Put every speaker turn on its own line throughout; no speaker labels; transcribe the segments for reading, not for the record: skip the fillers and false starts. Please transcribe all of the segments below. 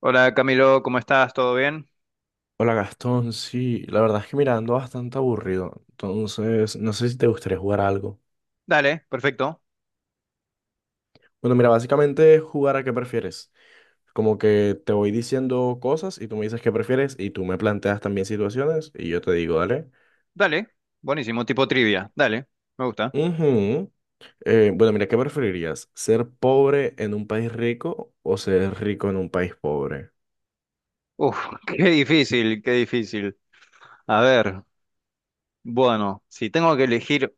Hola Camilo, ¿cómo estás? ¿Todo bien?
Hola Gastón, sí, la verdad es que mira, ando bastante aburrido, entonces no sé si te gustaría jugar a algo.
Dale, perfecto.
Bueno, mira, básicamente es jugar a qué prefieres. Como que te voy diciendo cosas y tú me dices qué prefieres y tú me planteas también situaciones y yo te digo, dale.
Dale, buenísimo, tipo trivia. Dale, me gusta.
Ujú. Bueno, mira, ¿qué preferirías? ¿Ser pobre en un país rico o ser rico en un país pobre?
Uf, qué difícil, qué difícil. A ver, bueno, si tengo que elegir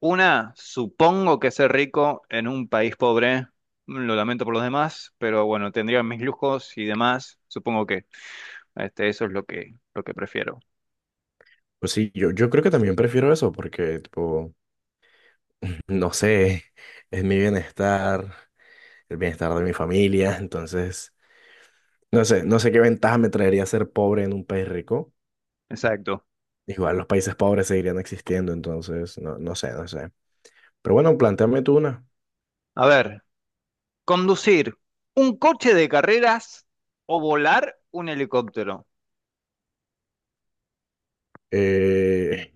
una, supongo que ser rico en un país pobre, lo lamento por los demás, pero bueno, tendría mis lujos y demás, supongo que este, eso es lo que prefiero.
Pues sí, yo creo que también prefiero eso porque, tipo, no sé, es mi bienestar, el bienestar de mi familia, entonces... No sé, no sé qué ventaja me traería ser pobre en un país rico.
Exacto.
Igual los países pobres seguirían existiendo, entonces no, no sé, no sé. Pero bueno, plantéame tú una.
A ver, conducir un coche de carreras o volar un helicóptero.
Eh,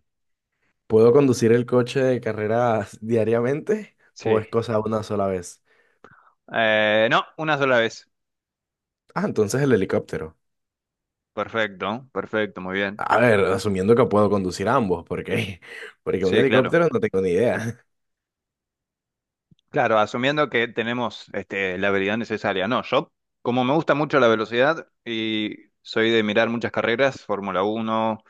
¿Puedo conducir el coche de carreras diariamente o
Sí.
es cosa una sola vez?
No, una sola vez.
Ah, entonces el helicóptero.
Perfecto, perfecto, muy bien.
A ver, asumiendo que puedo conducir ambos, porque porque un
Sí, claro.
helicóptero no tengo ni idea.
Claro, asumiendo que tenemos este, la habilidad necesaria. No, yo, como me gusta mucho la velocidad y soy de mirar muchas carreras, Fórmula 1,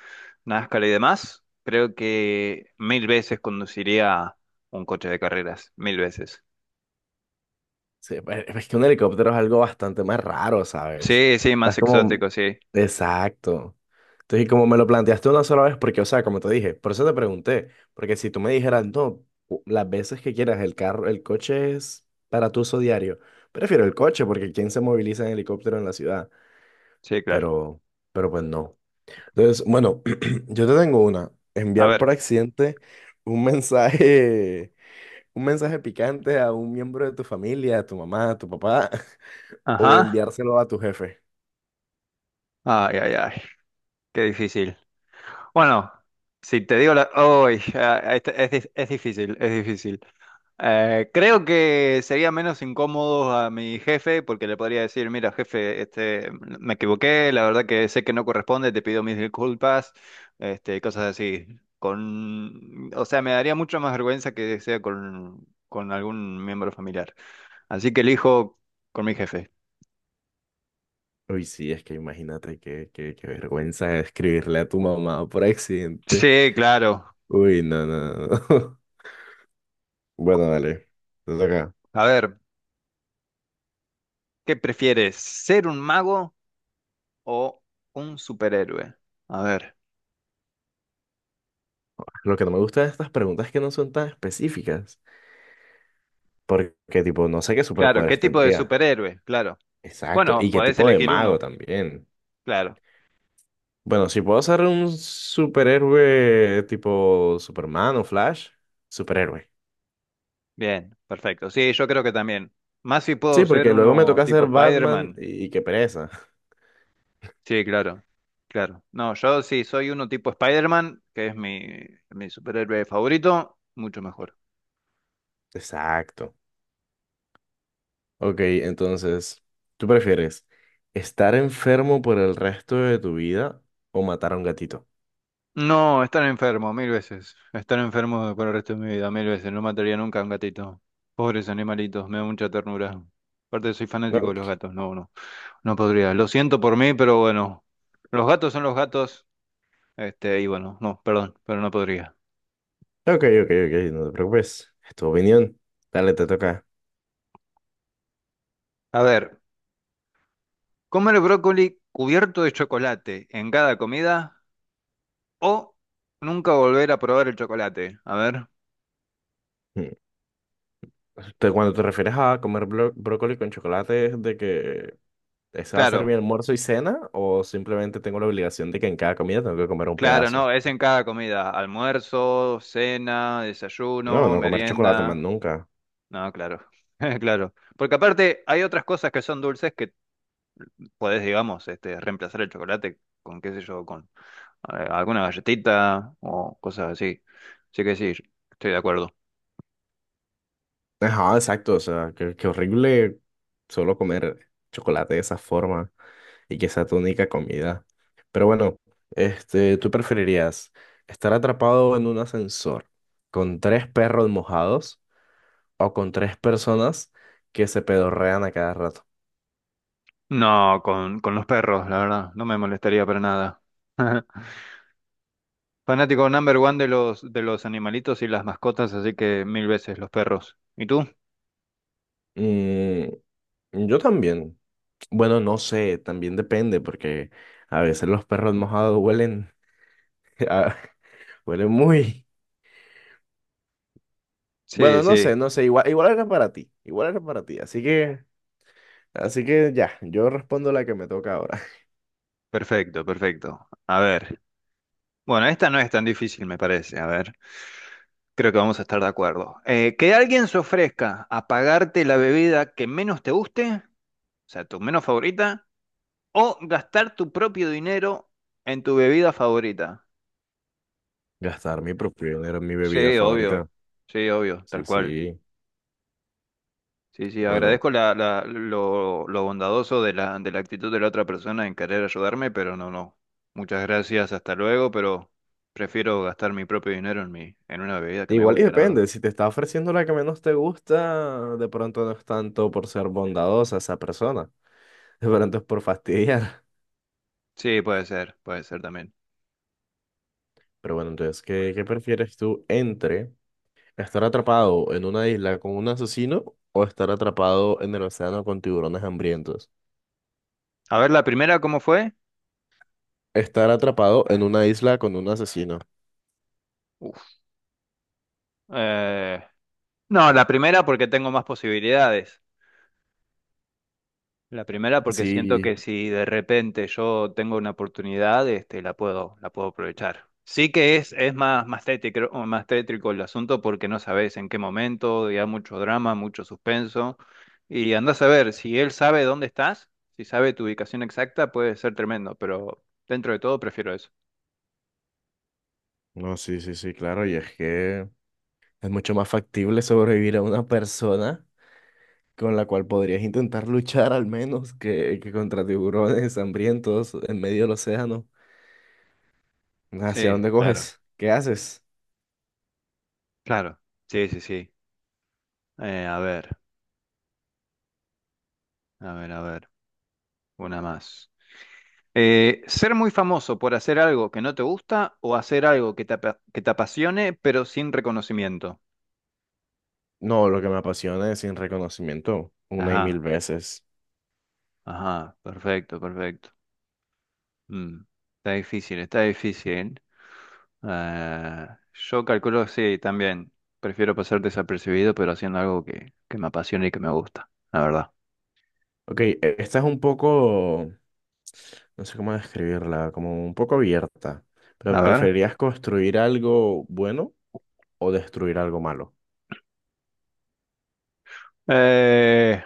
NASCAR y demás, creo que mil veces conduciría un coche de carreras, mil veces.
Sí, pues, es que un helicóptero es algo bastante más raro, ¿sabes?
Sí, sí,
O sea,
más
es como...
exótico, sí.
Exacto. Entonces, y como me lo planteaste una sola vez, porque, o sea, como te dije, por eso te pregunté, porque si tú me dijeras, no, las veces que quieras, el carro, el coche es para tu uso diario, prefiero el coche, porque ¿quién se moviliza en helicóptero en la ciudad?
Sí, claro.
Pero, pero pues no. Entonces, bueno, yo te tengo una,
A
enviar por
ver.
accidente un mensaje, un mensaje picante a un miembro de tu familia, a tu mamá, a tu papá o
Ajá.
enviárselo a tu jefe.
Ay, ay, ay. Qué difícil. Bueno, si te digo la... Uy, ah, es, es difícil, es difícil. Creo que sería menos incómodo a mi jefe porque le podría decir, mira, jefe, este, me equivoqué, la verdad que sé que no corresponde, te pido mis disculpas, este, cosas así. Con, o sea, me daría mucho más vergüenza que sea con, algún miembro familiar. Así que elijo con mi jefe.
Uy, sí, es que imagínate qué, qué vergüenza escribirle a tu mamá por accidente.
Sí, claro.
Uy, no, no, no. Bueno, dale. Te toca.
A ver, ¿qué prefieres? ¿Ser un mago o un superhéroe? A ver.
Lo que no me gusta de estas preguntas es que no son tan específicas. Porque, tipo, no sé qué
Claro, ¿qué
superpoderes
tipo de
tendría.
superhéroe? Claro.
Exacto.
Bueno,
Y qué
podés
tipo de
elegir
mago
uno.
también.
Claro.
Bueno, si puedo ser un superhéroe tipo Superman o Flash, superhéroe.
Bien, perfecto. Sí, yo creo que también. Más si puedo
Sí,
ser
porque luego me
uno
toca
tipo
ser Batman
Spider-Man.
y qué pereza.
Sí, claro. Claro. No, yo sí soy uno tipo Spider-Man, que es mi superhéroe favorito, mucho mejor.
Exacto. Ok, entonces, ¿tú prefieres estar enfermo por el resto de tu vida o matar a un gatito?
No, estar enfermo, mil veces. Estar enfermo por el resto de mi vida, mil veces. No mataría nunca a un gatito. Pobres animalitos, me da mucha ternura. Aparte soy
No.
fanático de los gatos, no, no. No podría. Lo siento por mí, pero bueno, los gatos son los gatos. Este, y bueno, no, perdón, pero no podría.
Ok, ok, ok, ok, no te preocupes. Es tu opinión. Dale, te toca.
A ver, comer brócoli cubierto de chocolate en cada comida o nunca volver a probar el chocolate. A ver,
Mm. Cuando te refieres a comer brócoli con chocolate, ¿es de que ese va a ser mi
claro,
almuerzo y cena? ¿O simplemente tengo la obligación de que en cada comida tengo que comer un
claro,
pedazo?
no, es en cada comida. Almuerzo, cena,
No,
desayuno,
no comer chocolate más
merienda.
nunca.
No, claro, claro. Porque aparte hay otras cosas que son dulces que podés, digamos, este, reemplazar el chocolate con, qué sé yo, alguna galletita o cosas así. Así que sí, estoy de acuerdo.
Ajá, exacto, o sea, qué, horrible solo comer chocolate de esa forma y que sea tu única comida. Pero bueno, este, ¿tú preferirías estar atrapado en un ascensor con tres perros mojados o con tres personas que se pedorrean a cada rato?
No, con, los perros, la verdad, no me molestaría para nada. Fanático number one de los animalitos y las mascotas, así que mil veces los perros. ¿Y tú?
Mm, yo también. Bueno, no sé, también depende porque a veces los perros mojados huelen, a- huelen muy...
Sí,
Bueno, no
sí,
sé, no sé, igual, igual era para ti, igual era para ti, así que ya, yo respondo la que me toca ahora.
perfecto, perfecto. A ver. Bueno, esta no es tan difícil, me parece. A ver, creo que vamos a estar de acuerdo. Que alguien se ofrezca a pagarte la bebida que menos te guste, o sea, tu menos favorita, o gastar tu propio dinero en tu bebida favorita.
Gastar mi propio dinero en mi bebida
Sí, obvio.
favorita.
Sí, obvio, tal
Sí,
cual.
sí.
Sí, sí,
Bueno,
agradezco la, lo bondadoso de la, actitud de la otra persona en querer ayudarme, pero no, no. Muchas gracias, hasta luego, pero prefiero gastar mi propio dinero en una bebida que me
igual y
guste, la verdad.
depende. Si te está ofreciendo la que menos te gusta, de pronto no es tanto por ser bondadosa esa persona. De pronto es por fastidiar.
Sí, puede ser también.
Pero bueno, entonces, qué, prefieres tú entre estar atrapado en una isla con un asesino o estar atrapado en el océano con tiburones hambrientos?
A ver, la primera, ¿cómo fue?
Estar atrapado en una isla con un asesino.
Uf. Eh, no, la primera porque tengo más posibilidades. La primera porque siento
Sí,
que si de repente yo tengo una oportunidad, este, la puedo aprovechar. Sí que es más, más tétrico, o más tétrico el asunto porque no sabes en qué momento, ya mucho drama, mucho suspenso. Y andás a ver, si él sabe dónde estás, si sabe tu ubicación exacta, puede ser tremendo, pero dentro de todo prefiero eso.
no, sí, sí, sí, claro. Y es que es mucho más factible sobrevivir a una persona con la cual podrías intentar luchar al menos que contra tiburones hambrientos en medio del océano. ¿Hacia
Sí,
dónde
claro,
coges? ¿Qué haces?
claro. Sí, sí, sí. A ver, a ver, a ver. Una más. Ser muy famoso por hacer algo que no te gusta o hacer algo que te, que te apasione pero sin reconocimiento.
No, lo que me apasiona es sin reconocimiento, una y mil
Ajá,
veces.
ajá, perfecto, perfecto. Mm, Está difícil, está difícil. Eh, yo calculo, sí, también. Prefiero pasar desapercibido pero haciendo algo que me apasione y que me gusta, la verdad.
Ok, esta es un poco, no sé cómo describirla, como un poco abierta,
A
pero
ver.
¿preferirías construir algo bueno o destruir algo malo?
Eh,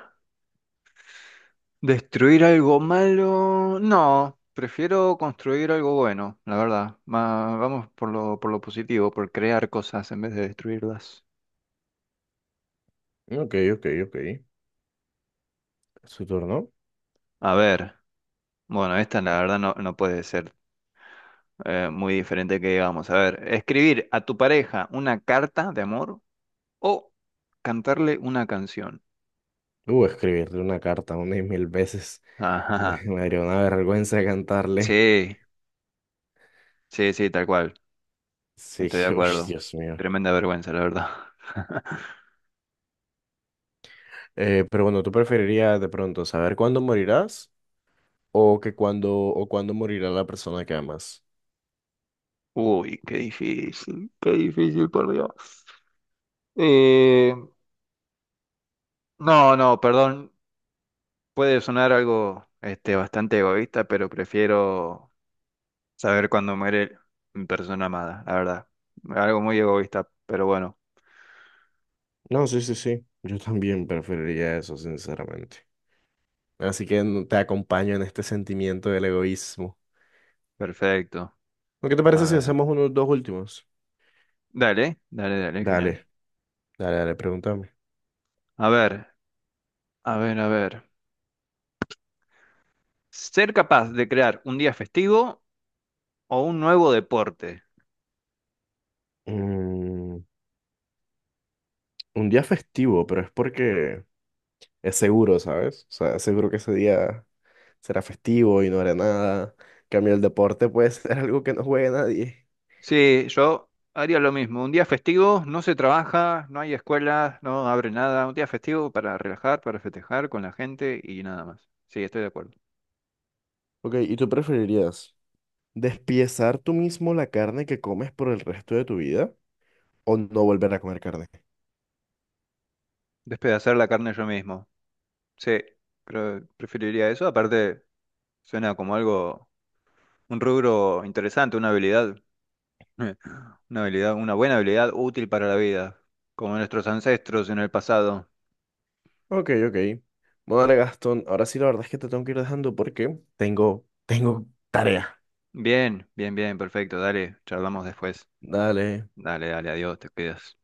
¿Destruir algo malo? No, prefiero construir algo bueno, la verdad. Vamos por lo positivo, por crear cosas en vez de destruirlas.
Ok, ok, ok. ¿Su turno?
A ver, bueno, esta la verdad no, no puede ser muy diferente que digamos. A ver, escribir a tu pareja una carta de amor o cantarle una canción.
Escribirle una carta una y mil veces.
Ajá.
Me daría una vergüenza cantarle.
Sí, sí, sí, tal cual.
Sí,
Estoy de
uy,
acuerdo.
Dios mío.
Tremenda vergüenza, la verdad.
Pero bueno, ¿tú preferirías de pronto saber cuándo morirás o que cuándo o cuándo morirá la persona que amas?
Uy, qué difícil, por Dios. Eh, no, no, perdón, puede sonar algo este, bastante egoísta, pero prefiero saber cuándo muere mi persona amada, la verdad. Algo muy egoísta, pero bueno,
No, sí, sí, sí. Yo también preferiría eso, sinceramente. Así que te acompaño en este sentimiento del egoísmo.
perfecto.
¿No? ¿Qué te parece
A
si
ver,
hacemos unos dos últimos?
dale, dale, dale,
Dale,
genial.
dale, dale, pregúntame.
A ver, a ver, a ver. ¿Ser capaz de crear un día festivo o un nuevo deporte?
Mm, un día festivo, pero es porque es seguro, ¿sabes? O sea, seguro que ese día será festivo y no hará nada. En cambio el deporte puede ser algo que no juegue nadie.
Sí, yo haría lo mismo. Un día festivo, no se trabaja, no hay escuelas, no abre nada. Un día festivo para relajar, para festejar con la gente y nada más. Sí, estoy de acuerdo.
Ok, ¿y tú preferirías despiezar tú mismo la carne que comes por el resto de tu vida o no volver a comer carne?
Despedazar la carne yo mismo. Sí, pero preferiría eso. Aparte, suena como algo, un rubro interesante, una habilidad, una habilidad, una buena habilidad útil para la vida, como nuestros ancestros en el pasado.
Ok, ok. Bueno, dale, Gastón, ahora sí la verdad es que te tengo que ir dejando porque tengo tarea.
Bien, bien, bien, perfecto. Dale, charlamos después.
Dale.
Dale, dale, adiós, te cuidas.